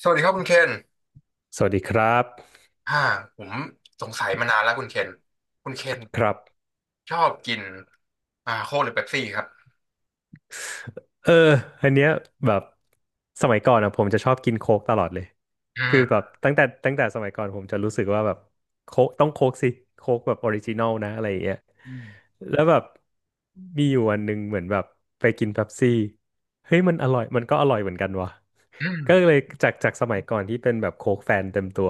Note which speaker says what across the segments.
Speaker 1: สวัสดีครับคุณเคน
Speaker 2: สวัสดีครับ
Speaker 1: อ่าผมสงสัยมานานแล้วคุณเคนคุณเคน
Speaker 2: ครับ
Speaker 1: ชอบกินโค้กหรือเป๊ปซี่ครับ
Speaker 2: เอออันเนี้ยแบบสมัยก่อนอ่ะผมจะชอบกินโค้กตลอดเลย
Speaker 1: อื
Speaker 2: คือ
Speaker 1: ม
Speaker 2: แบบตั้งแต่สมัยก่อนผมจะรู้สึกว่าแบบโค้กต้องโค้กสิโค้กแบบออริจินอลนะอะไรอย่างเงี้ยแล้วแบบมีอยู่วันหนึ่งเหมือนแบบไปกินเป๊ปซี่เฮ้ยมันอร่อยมันก็อร่อยเหมือนกันวะ
Speaker 1: อืม
Speaker 2: ก็เลยจากสมัยก่อนที่เป็นแบบโค้กแฟนเต็มตัว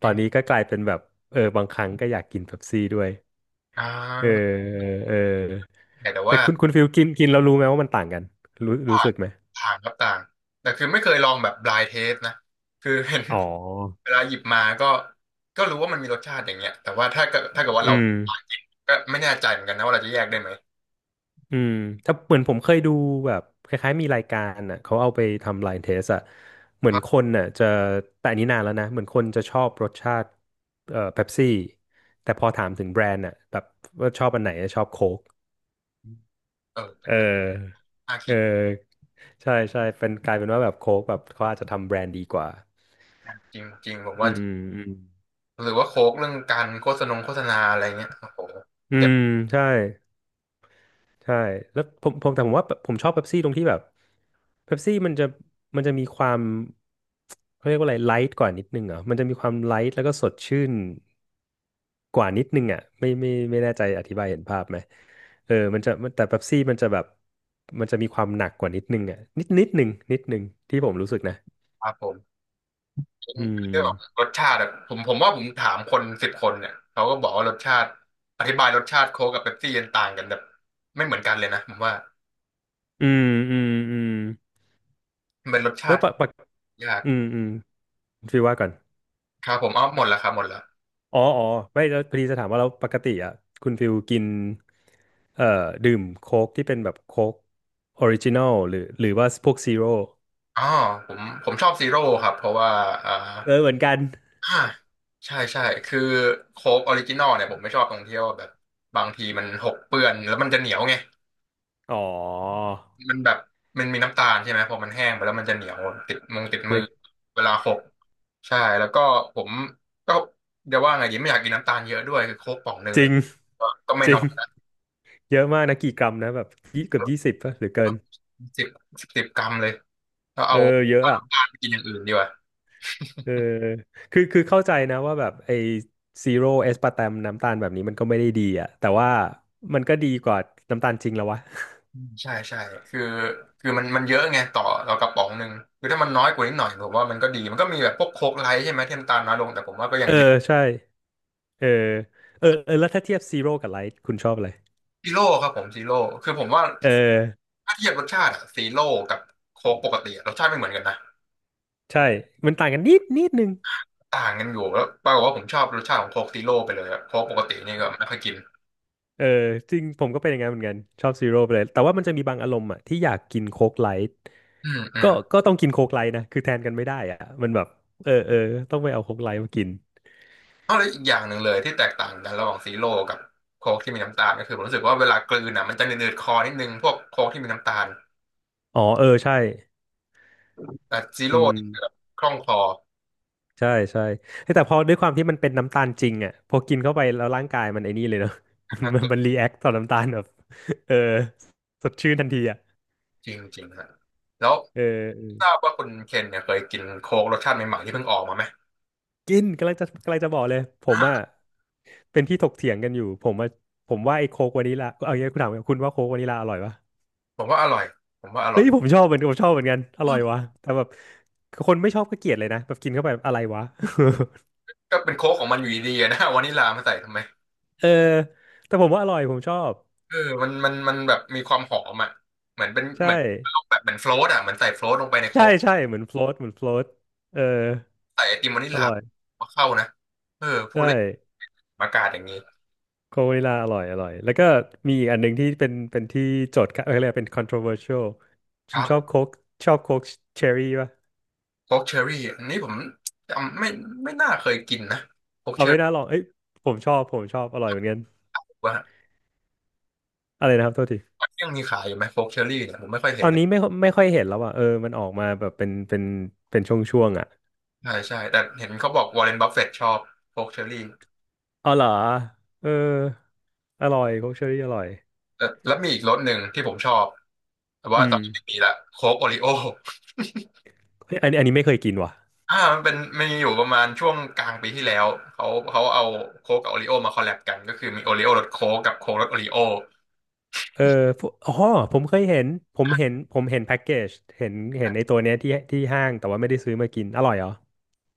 Speaker 2: ตอ
Speaker 1: อื
Speaker 2: นนี้
Speaker 1: ม
Speaker 2: ก็กลายเป็นแบบเออบางครั้งก็อยากกินเป๊ปซี่ด้วย
Speaker 1: อ่
Speaker 2: เออ
Speaker 1: า
Speaker 2: เออ
Speaker 1: แต่
Speaker 2: แต่
Speaker 1: ว่า
Speaker 2: คุณฟิลกินกินแล้วรู้ไหมว่ามันต่างกันรู้รู้สึกไหม
Speaker 1: ต่างต่างครับต่างแต่คือไม่เคยลองแบบ blind taste นะคือเห็น
Speaker 2: อ๋อ
Speaker 1: เวลาหยิบมาก็ก็รู้ว่ามันมีรสชาติอย่างเงี้ยแต่ว่าถ้าเกิดว่า
Speaker 2: อื
Speaker 1: เรา
Speaker 2: ม
Speaker 1: หากินก็ไม่แน่ใจเหมือนกันนะว่าเราจะแยกได้ไหม
Speaker 2: อืมถ้าเหมือนผมเคยดูแบบคล้ายๆมีรายการอ่ะเขาเอาไปทำ line test อ่ะเหมื
Speaker 1: ค
Speaker 2: อน
Speaker 1: รับ
Speaker 2: คนน่ะจะแต่อันนี้นานแล้วนะเหมือนคนจะชอบรสชาติเป๊ปซี่แต่พอถามถึงแบรนด์อ่ะแบบว่าชอบอันไหนชอบโค้ก
Speaker 1: เออเป็
Speaker 2: เอ
Speaker 1: นอะไร
Speaker 2: อ
Speaker 1: น่า
Speaker 2: เอ
Speaker 1: คิ
Speaker 2: อ
Speaker 1: ด
Speaker 2: ใช่ใช่เป็นกลายเป็นว่าแบบโค้กแบบเขาอาจจะทำแบรนด์ดีกว่า
Speaker 1: นะจริงจริงผม
Speaker 2: อื
Speaker 1: ว่า
Speaker 2: มอืม
Speaker 1: หรือว่าโค้กเรื่องการโฆษณาอะไรเงี้ยโอ้โห
Speaker 2: อื
Speaker 1: เจ็บ
Speaker 2: มใช่ ใช่แล้วผมแต่ผมว่าผมชอบเป๊ปซี่ตรงที่แบบเป๊ปซี่มันจะมีความเขาเรียกว่าอะไรไลท์กว่านิดนึงเหรอ่ะมันจะมีความไลท์แล้วก็สดชื่นกว่านิดนึงอ่ะไม่แน่ใจอธิบายเห็นภาพไหมเออมันจะมันแต่เป๊ปซี่มันจะแบบมันจะมีความหนักกว่านิดนึงอ่ะนิดนึงที่ผมรู้สึกนะ
Speaker 1: ครับผม
Speaker 2: อื
Speaker 1: เรื่อง
Speaker 2: ม
Speaker 1: รสชาติอะผมว่าผมถามคนสิบคนเนี่ยเขาก็บอกว่ารสชาติอธิบายรสชาติโค้กกับเป๊ปซี่ยันต่างกันแบบไม่เหมือนกันเลยนะผมว่า
Speaker 2: อืม
Speaker 1: มันเป็นรสชา
Speaker 2: แล้ว
Speaker 1: ติ
Speaker 2: ปะ
Speaker 1: ยาก
Speaker 2: อืมฟีลว่าก่อน
Speaker 1: ครับผมเอาหมดแล้วครับหมดแล้ว
Speaker 2: อ๋อไม่แล้วพอดีจะถามว่าแล้วปกติอ่ะคุณฟิลกินเอ่อดื่มโค้กที่เป็นแบบโค้กออริจินอลหรือว่าพวกซีโร่
Speaker 1: อ๋อผมชอบซีโร่ครับเพราะว่าอ่า
Speaker 2: เออเหมือนกัน
Speaker 1: อ่าใช่ใช่คือโค้กออริจินอลเนี่ยผมไม่ชอบตรงที่ว่าแบบบางทีมันหกเปื้อนแล้วมันจะเหนียวไง
Speaker 2: อ๋อ
Speaker 1: มันแบบมันมีน้ำตาลใช่ไหมพอมันแห้งไปแล้วมันจะเหนียวติดมือติดมือ
Speaker 2: เล็ก
Speaker 1: เวลาหกใช่แล้วก็ผมก็เดี๋ยวว่าไงดีไม่อยากกินน้ำตาลเยอะด้วยคือโค้กป่องหนึ่ง
Speaker 2: จริ
Speaker 1: เนี่ย
Speaker 2: ง
Speaker 1: ก็ไม่
Speaker 2: จริ
Speaker 1: น้อ
Speaker 2: ง
Speaker 1: ยนะ
Speaker 2: เยอะมากนะกี่กรัมนะแบบเกือบยี่สิบป่ะหรือเกิน
Speaker 1: สิบ10 กรัมเลยแล้ว
Speaker 2: เอ
Speaker 1: เอา
Speaker 2: อเยอะอ่ะ
Speaker 1: น้ำตาลไปกินอย่างอื่นดีกว่า
Speaker 2: เออคือเข้าใจนะว่าแบบไอ้ซีโร่เอสปาร์ตมน้ำตาลแบบนี้มันก็ไม่ได้ดีอ่ะแต่ว่ามันก็ดีกว่าน้ำตาลจริงแล้ววะ
Speaker 1: ใช่ใช่คือคือมันเยอะไงต่อเรากระป๋องหนึ่งคือถ้ามันน้อยกว่านิดหน่อยผมว่ามันก็ดีมันก็มีแบบพวกโค้กไลท์ใช่ไหมที่น้ำตาลน้อยลงแต่ผมว่าก็ยั
Speaker 2: เอ
Speaker 1: ง
Speaker 2: อ
Speaker 1: เยอะ
Speaker 2: ใช่ เออเออเออแล้วถ้าเทียบซีโร่กับไลท์คุณชอบอะไร
Speaker 1: ซีโร่ครับผมซีโร่คือผมว่า
Speaker 2: เออ
Speaker 1: ถ้าเทียบรสชาติอะซีโร่กับโค้กปกติอะรสชาติไม่เหมือนกันนะ
Speaker 2: ใช่มันต่างกันนิดนึง
Speaker 1: ต่างกันอยู่แล้วปรากฏว่าผมชอบรสชาติของโค้กซีโร่ไปเลยอะโค้กปกตินี่ก็ไม่ค่อยกิน
Speaker 2: เออจริงผมก็เป็นอย่างนั้นเหมือนกันชอบซีโร่ไปเลยแต่ว่ามันจะมีบางอารมณ์อ่ะที่อยากกินโค้กไลท์
Speaker 1: อืมอื
Speaker 2: ก็
Speaker 1: ม
Speaker 2: ก็ต้องกินโค้กไลท์นะคือแทนกันไม่ได้อ่ะมันแบบเออต้องไปเอาโค้กไลท์มากิน
Speaker 1: เอาแล้วอีกอย่างหนึ่งเลยที่แตกต่างกันระหว่างซีโร่กับโค้กที่มีน้ำตาลก็คือผมรู้สึกว่าเวลากลืนอ่ะมันจะเนืดๆคอนิดนึงพวกโค้กที่มีน้ำตาล
Speaker 2: อ๋อเออใช่
Speaker 1: แต่ซี
Speaker 2: อื
Speaker 1: โร่
Speaker 2: ม
Speaker 1: นี่คือแบบคล่องคอ
Speaker 2: ใช่ใช่เฮ้ยแต่พอด้วยความที่มันเป็นน้ำตาลจริงอ่ะพอกินเข้าไปแล้วร่างกายมันไอ้นี่เลยเนาะ มันรีแอคต่อน้ำตาลแบบเออสดชื่นทันทีอ่ะ
Speaker 1: จริงจริงฮะแล้ว
Speaker 2: เอ
Speaker 1: ท
Speaker 2: อ
Speaker 1: ราบว่าคุณเคนเนี่ยเคยกินโค้กรสชาติใหม่ๆที่เพิ่งออกมาไหม
Speaker 2: กินกำลังจะบอกเลยผมอ่ะเป็นที่ถกเถียงกันอยู่ผมว่าไอ้โค้กวานิลาเอาอย่างนี้คุณถามคุณว่าโค้กวานิลาอร่อยปะ
Speaker 1: ผมว่าอร่อยผมว่าอร่
Speaker 2: เฮ้
Speaker 1: อ
Speaker 2: ย
Speaker 1: ย
Speaker 2: ผมชอบเหมือนผมชอบเหมือนกันอร่อยวะแต่แบบคนไม่ชอบก็เกลียดเลยนะแบบกินเข้าไปแบบอะไรวะ
Speaker 1: ก็เป็นโค้กของมันอยู่ดีๆนะ วานิลามาใส่ทำไม
Speaker 2: เออแต่ผมว่าอร่อยผมชอบ
Speaker 1: เออมันแบบมีความหอมอ่ะเหมือนเป็น
Speaker 2: ใช่
Speaker 1: เหมือนแบบเหมือนโฟลตอ่ะเหมือนใส่โฟลตลงไปในโค้
Speaker 2: ใช่
Speaker 1: ก
Speaker 2: ใช่เหมือนโฟลตเหมือนโฟลตเออ
Speaker 1: ใส่ไอติมวานิล
Speaker 2: อ
Speaker 1: ลา
Speaker 2: ร่อย
Speaker 1: มาเข้านะเออพู
Speaker 2: ใช่
Speaker 1: ดแล้วอากาศอย่างนี้
Speaker 2: โคกวานิลาอร่อยอร่อยแล้วก็มีอีกอันหนึ่งที่เป็นที่โจทย์กันเออเรียกว่าเป็น controversial
Speaker 1: ค
Speaker 2: คุณ
Speaker 1: รั
Speaker 2: ชอบ
Speaker 1: บ
Speaker 2: โค้กชอบโค้กเชอร์รี่ปะ
Speaker 1: โค้กเชอร์รี่อันนี้ผมจำไม่ไม่น่าเคยกินนะโค้ก
Speaker 2: เอา
Speaker 1: เชอ
Speaker 2: ไม่
Speaker 1: ร์
Speaker 2: น่าลอ
Speaker 1: รี่
Speaker 2: งเอ้ยผมชอบอร่อยเหมือนกัน
Speaker 1: ว่า
Speaker 2: อะไรนะครับโทษที
Speaker 1: ยังมีขายอยู่ไหมโค้กเชอร์รี่เนี่ยผมไม่ค่อย
Speaker 2: ต
Speaker 1: เห็
Speaker 2: อ
Speaker 1: น
Speaker 2: น
Speaker 1: เลย
Speaker 2: นี้ไม่ค่อยเห็นแล้วอ่ะเออมันออกมาแบบเป็นช่วงๆอ่ะ
Speaker 1: ใช่ใช่แต่เห็นเขาบอกวอร์เรนบัฟเฟตชอบโค้กเชอร์รี่
Speaker 2: เอาเหรอเอออร่อยโคกเชอรี่อร่อย
Speaker 1: เออแล้วมีอีกรสหนึ่งที่ผมชอบแต่ว่า
Speaker 2: อื
Speaker 1: ตอ
Speaker 2: ม
Speaker 1: นนี้ไม่มีละโค้กโอริโอ
Speaker 2: เฮ้ยอันนี้ไม่เคยกินว่ะ
Speaker 1: มันเป็นมีอยู่ประมาณช่วงกลางปีที่แล้วเขาเอาโค้กกับโอริโอมาคอลแลบกันก็คือมีโอริโอรสโค้กกับโค้กรสโอริโอ
Speaker 2: เออพวกอ๋อผมเคยเห็นผมเห็นแพ็กเกจเห็นไอ้ตัวเนี้ยที่ห้างแต่ว่าไม่ได้ซื้อมากินอร่อยเหรอ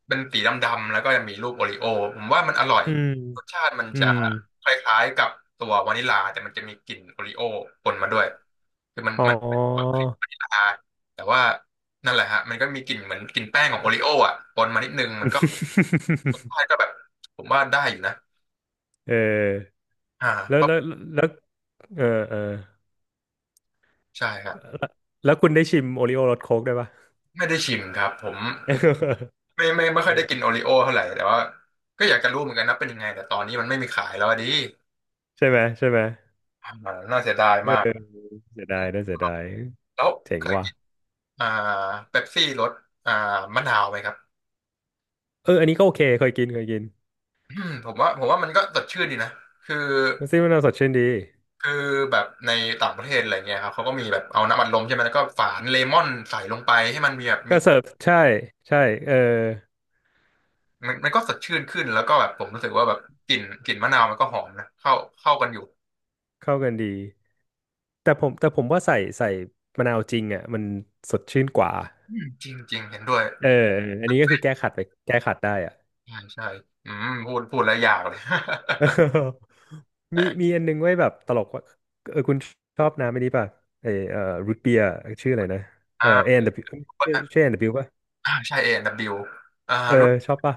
Speaker 1: เป็นสีดำๆแล้วก็ยังมีรูปโอริโอผมว่ามันอร่อย
Speaker 2: อืม
Speaker 1: รสชาติมัน
Speaker 2: อื
Speaker 1: จะ
Speaker 2: ม
Speaker 1: คล้ายๆกับตัววานิลลาแต่มันจะมีกลิ่นโอริโอปนมาด้วยคือมัน
Speaker 2: อ๋อ
Speaker 1: มันเป็นความคลิกวานิลลาแต่ว่านั่นแหละฮะมันก็มีกลิ่นเหมือนกลิ่นแป้งของโอริโออ่ะปนมานิดนึงมันก็รส ชาติก็แบบผมว่าได้อยู่นะ
Speaker 2: เออ
Speaker 1: อ่า
Speaker 2: แล้ว
Speaker 1: ก็
Speaker 2: แล้วแล้วเออเออ
Speaker 1: ใช่ครับ
Speaker 2: แล้วแล้วคุณได้ชิมโอริโอรสโค้กได้วยปะ
Speaker 1: ไม่ได้ชิมครับผม ไม่ค่อยได้กินโอ ริโอเท่าไหร่แต่ว่าก็อยากจะรู้เหมือนกันนะเป็นยังไงแต่ตอนนี้มันไม่มีขายแล้วอะดิ
Speaker 2: ใช่ไหม
Speaker 1: อ่าน่าเสียดาย
Speaker 2: เออ
Speaker 1: มาก
Speaker 2: เสียดายน่าเสียดาย
Speaker 1: แล้ว
Speaker 2: เจ๋
Speaker 1: เค
Speaker 2: ง
Speaker 1: ย
Speaker 2: ว่ะ
Speaker 1: กินอ่าเป๊ปซี่รสอ่ามะนาวไหมครับ
Speaker 2: เอออันนี้ก็โอเคเคยกิน
Speaker 1: อืมผมว่ามันก็สดชื่นดีนะคือ
Speaker 2: มันซิมันสดชื่นดี
Speaker 1: คือแบบในต่างประเทศอะไรเงี้ยครับเขาก็มีแบบเอาน้ำอัดลมใช่ไหมแล้วก็ฝานเลมอนใส่ลงไปให้มันมีแบบมี
Speaker 2: ก็เสิร์ฟใช่ใช่เออ
Speaker 1: มันมันก็สดชื่นขึ้นแล้วก็แบบผมรู้สึกว่าแบบกลิ่นมะนาวมันก็หอมนะเข้าเข้ากันอยู่
Speaker 2: เข้ากันดีแต่ผมว่าใส่มะนาวจริงอ่ะมันสดชื่นกว่า
Speaker 1: อืมจริงจริงเห็นด้วย
Speaker 2: เอออันนี้ก็คือแก้ขัดไปแก้ขัดได้อ่ะ
Speaker 1: ใช่ใช่อืมพูดแล้วอยากเลย
Speaker 2: เออมีอัน นึงไว้ยแบบตลกว่าเออคุณชอบน้ำไม่ดีป่ะไอรูทเบียร์ชื่ออะไรนะเออเอ็
Speaker 1: อ่า
Speaker 2: นดับชื่อเอ็นดับป่ะ
Speaker 1: ใช่เองดับบิวอ่า
Speaker 2: เออ
Speaker 1: รู้
Speaker 2: ชอบป่ะ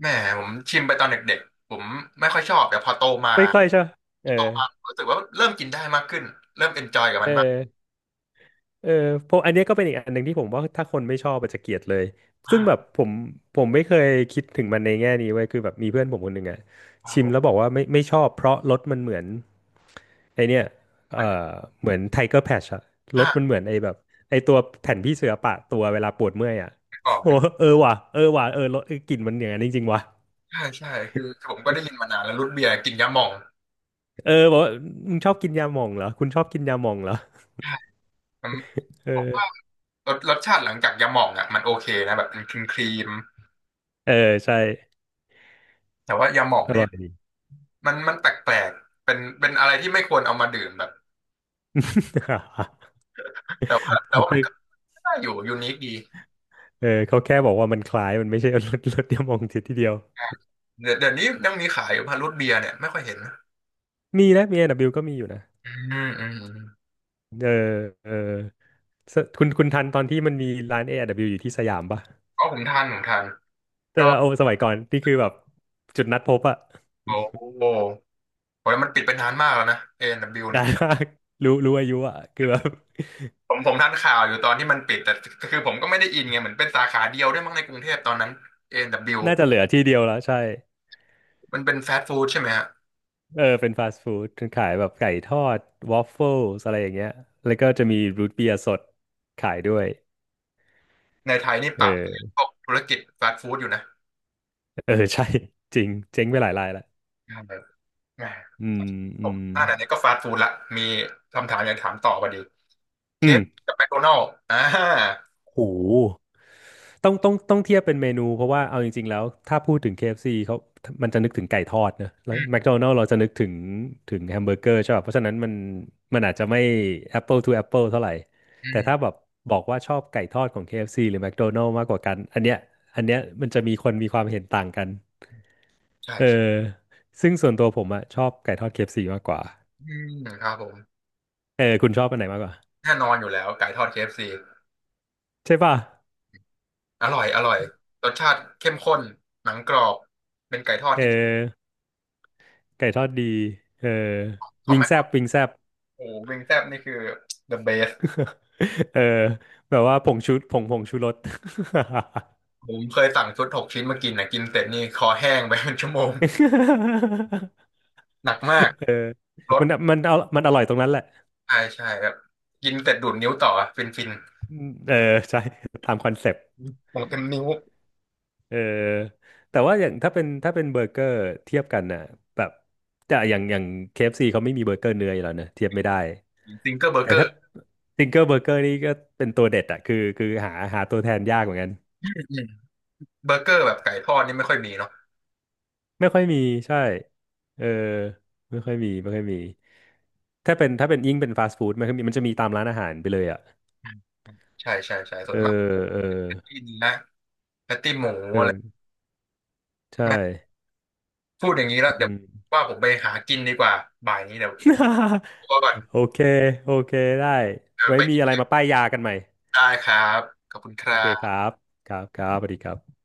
Speaker 1: แหมผมชิมไปตอนเด็กๆผมไม่ค่อยชอบแต่พอโตมา
Speaker 2: ไม่ค่อยชอบเออ
Speaker 1: โตมารู้สึกว่าเริ่มกินได้มากขึ้นเริ่มเอนจอยกับ
Speaker 2: เอ
Speaker 1: มัน
Speaker 2: อ
Speaker 1: มาก
Speaker 2: เออเพราะอันเนี้ยก็เป็นอีกอันหนึ่งที่ผมว่าถ้าคนไม่ชอบอาจจะเกลียดเลย
Speaker 1: อ่า
Speaker 2: ซึ่งแบบผมไม่เคยคิดถึงมันในแง่นี้เว้ยคือแบบมีเพื่อนผมคนหนึ่งอะ
Speaker 1: ครับ
Speaker 2: ชิ
Speaker 1: ผ
Speaker 2: มแล้ว
Speaker 1: ม
Speaker 2: บอกว่าไม่ชอบเพราะรสมันเหมือนไอเนี้ย
Speaker 1: เห
Speaker 2: เอ
Speaker 1: มือน
Speaker 2: อเหมือนไทเกอร์แพชอะรสมัน
Speaker 1: อ่า
Speaker 2: เหมือนไอแบบไอตัวแผ่นพี่เสือปะตัวเวลาปวดเมื่อยอะ
Speaker 1: ไม่อก
Speaker 2: โอ้
Speaker 1: เนี่ย
Speaker 2: เออว่ะเออว่ะเออรสเออกลิ่นมันอย่างนั้นจริงๆว่ะ
Speaker 1: ใช่ใช่คือผมก็ได้ยินมานานแล้วรูทเบียร์กินยาหม่อง
Speaker 2: เออบอกว่ามึงชอบกินยาหม่องเหรอคุณชอบกินยาหม่องเหรอ
Speaker 1: ใช่ผมั
Speaker 2: เออ
Speaker 1: รสชาติหลังจากยาหม่องอ่ะมันโอเคนะแบบมันครีมครีม
Speaker 2: เออใช่
Speaker 1: แต่ว่ายาหม่อง
Speaker 2: อ
Speaker 1: เนี่
Speaker 2: ร่
Speaker 1: ย
Speaker 2: อยด
Speaker 1: มันแปลกๆเป็นอะไรที่ไม่ควรเอามาดื่มแบบแต่ว่า
Speaker 2: ี
Speaker 1: มัน ก็ ก็อยู่ยูนิคดี
Speaker 2: เออเขาแค่บอกว่ามันคล้ายมันไม่ใช่ รถเดียวมองเสียทีเดียว
Speaker 1: เดี๋ยวเดี๋ยวนี้ยังมีขายอยู่พารุทเบียร์เนี่ยไม่ค่อยเห็นนะ
Speaker 2: มีนะมี A&W ก็มีอยู่นะ
Speaker 1: อืมอืมอืม
Speaker 2: เออเออสคุณทันตอนที่มันมีร้าน A&W อดับเบิลยูอยู่ที่สยามปะ
Speaker 1: ก็ผมทาน
Speaker 2: แต่
Speaker 1: ก็
Speaker 2: เราเอาสมัยก่อนนี่คือแบบจุดนัดพบอะ
Speaker 1: โอ้โหโอ้ยมันปิดไปนานมากแล้วนะ A&W เบิ ลยูเนี่
Speaker 2: ได้
Speaker 1: ย
Speaker 2: มากรู้อายุอะคือแบบ
Speaker 1: ผมทันข่าวอยู่ตอนที่มันปิดแต่คือผมก็ไม่ได้อินไงเหมือนเป็นสาขาเดียวด้วยมั้งในกรุงเทพตอนนั้น A&W
Speaker 2: น่าจะเหลือที่เดียวแล้วใช่
Speaker 1: มันเป็นฟาสต์ฟู้ดใช่ไหมฮะ
Speaker 2: เออเป็นฟาสต์ฟู้ดขายแบบไก่ทอดวอฟเฟิลอะไรอย่างเงี้ยแล้วก็จะมีรูทเบียร์สดขายด้วย
Speaker 1: ในไทยนี่
Speaker 2: เ
Speaker 1: ปรับพ
Speaker 2: ออ
Speaker 1: วกธุรกิจฟาสต์ฟู้ดอยู่นะ
Speaker 2: เออใช่ จริงเจ๊งไปหลายรายละ
Speaker 1: ใช่ครับแหม
Speaker 2: อืม
Speaker 1: ผ
Speaker 2: อื
Speaker 1: ม
Speaker 2: ม
Speaker 1: อ่านอันนี้ก็ฟาสต์ฟู้ดละมีคำถามอยากถามต่อพอดีเค
Speaker 2: อืม
Speaker 1: ฟกับแมคโดนัลด์อ่า
Speaker 2: โห ต้องเทียบเป็นเมนูเพราะว่าเอาจริงๆแล้วถ้าพูดถึง KFC เอฟซีเขามันจะนึกถึงไก่ทอดนะแล้
Speaker 1: อื
Speaker 2: ว
Speaker 1: ม
Speaker 2: McDonald's เราจะนึกถึงถึงแฮมเบอร์เกอร์ใช่ป่ะเพราะฉะนั้นมันอาจจะไม่ Apple to Apple เท่าไหร่
Speaker 1: อื
Speaker 2: แต่
Speaker 1: ม
Speaker 2: ถ้าแบบบอกว่าชอบไก่ทอดของ KFC หรือ McDonald's มากกว่ากันอันเนี้ยอันเนี้ยมันจะมีคนมีความเห็นต่างกัน
Speaker 1: ใช่
Speaker 2: เออซึ่งส่วนตัวผมอะชอบไก่ทอด KFC มากกว่า
Speaker 1: อืมครับผม
Speaker 2: เออคุณชอบอันไหนมากกว่า
Speaker 1: แน่นอนอยู่แล้วไก่ทอด KFC อฟซี
Speaker 2: ใช่ป่ะ
Speaker 1: อร่อยอร่อยรสชาติเข้มข้นหนังกรอบเป็นไก่ทอด
Speaker 2: เอ
Speaker 1: ที่ดี
Speaker 2: อไก่ทอดดีเออ
Speaker 1: คอม
Speaker 2: วิง
Speaker 1: แม็
Speaker 2: แซบ
Speaker 1: ก
Speaker 2: วิงแซบ
Speaker 1: โอ้วิงแซ่บนี่คือ the best
Speaker 2: เออแบบว่าผงชูผงชูรส
Speaker 1: ผมเคยสั่งชุด 6 ชิ้นมากินนะกินเสร็จนี่คอแห้งไปเป็นชั่วโมง หนักมา
Speaker 2: เออ
Speaker 1: กรส
Speaker 2: มันมันเอามันอร่อยตรงนั้นแหละ
Speaker 1: ใช่ใช่ครับกินเสร็จดูดนิ้วต่อฟินฟิน
Speaker 2: อืมเออใช่ ตามคอนเซปต์
Speaker 1: หมดเต็มนิ้ว
Speaker 2: เออแต่ว่าอย่างถ้าเป็นเบอร์เกอร์เทียบกันน่ะแบบแต่อย่าง KFC เอฟซีเขาไม่มีเบอร์เกอร์เนื้ออยู่แล้วเน่ะเทียบไม่ได้
Speaker 1: ซิงเกิลเบอร์
Speaker 2: แต่
Speaker 1: เกอ
Speaker 2: ถ้า
Speaker 1: ร์
Speaker 2: สิงเกอร์เบอร์เกอร์นี่ก็เป็นตัวเด็ดอะคือหาตัวแทนยากเหมือนกัน
Speaker 1: เบอร์เกอร์แบบไก่ทอดนี่ไม่ค่อยมีเนาะ
Speaker 2: ไม่ค่อยมีใช่เออไม่ค่อยมีถ้าเป็นยิ่งเป็นฟาสต์ฟู้ดมันจะมีตามร้านอาหารไปเลยอ่ะ
Speaker 1: อืมใช่ใช่ใช่ส่
Speaker 2: เอ
Speaker 1: วนมาก
Speaker 2: อเออ
Speaker 1: ที่เนื้อแพตตี้หมูอะไร
Speaker 2: เออใช่
Speaker 1: พูดอย่างนี้แล้ว
Speaker 2: อื
Speaker 1: เดี๋ยว
Speaker 2: ม
Speaker 1: ว่าผมไปหากินดีกว่าบ่ายนี้เดี๋ยว ตัวก่อน
Speaker 2: โอเคโอเคได้
Speaker 1: เดี๋ยว
Speaker 2: ไว้
Speaker 1: ไป
Speaker 2: มี
Speaker 1: กิ
Speaker 2: อะไร
Speaker 1: น
Speaker 2: มาป้ายยากันใหม่
Speaker 1: ได้ครับขอบคุณค
Speaker 2: โอ
Speaker 1: รั
Speaker 2: เคครั
Speaker 1: บ
Speaker 2: บครับครับสวัสดีครับ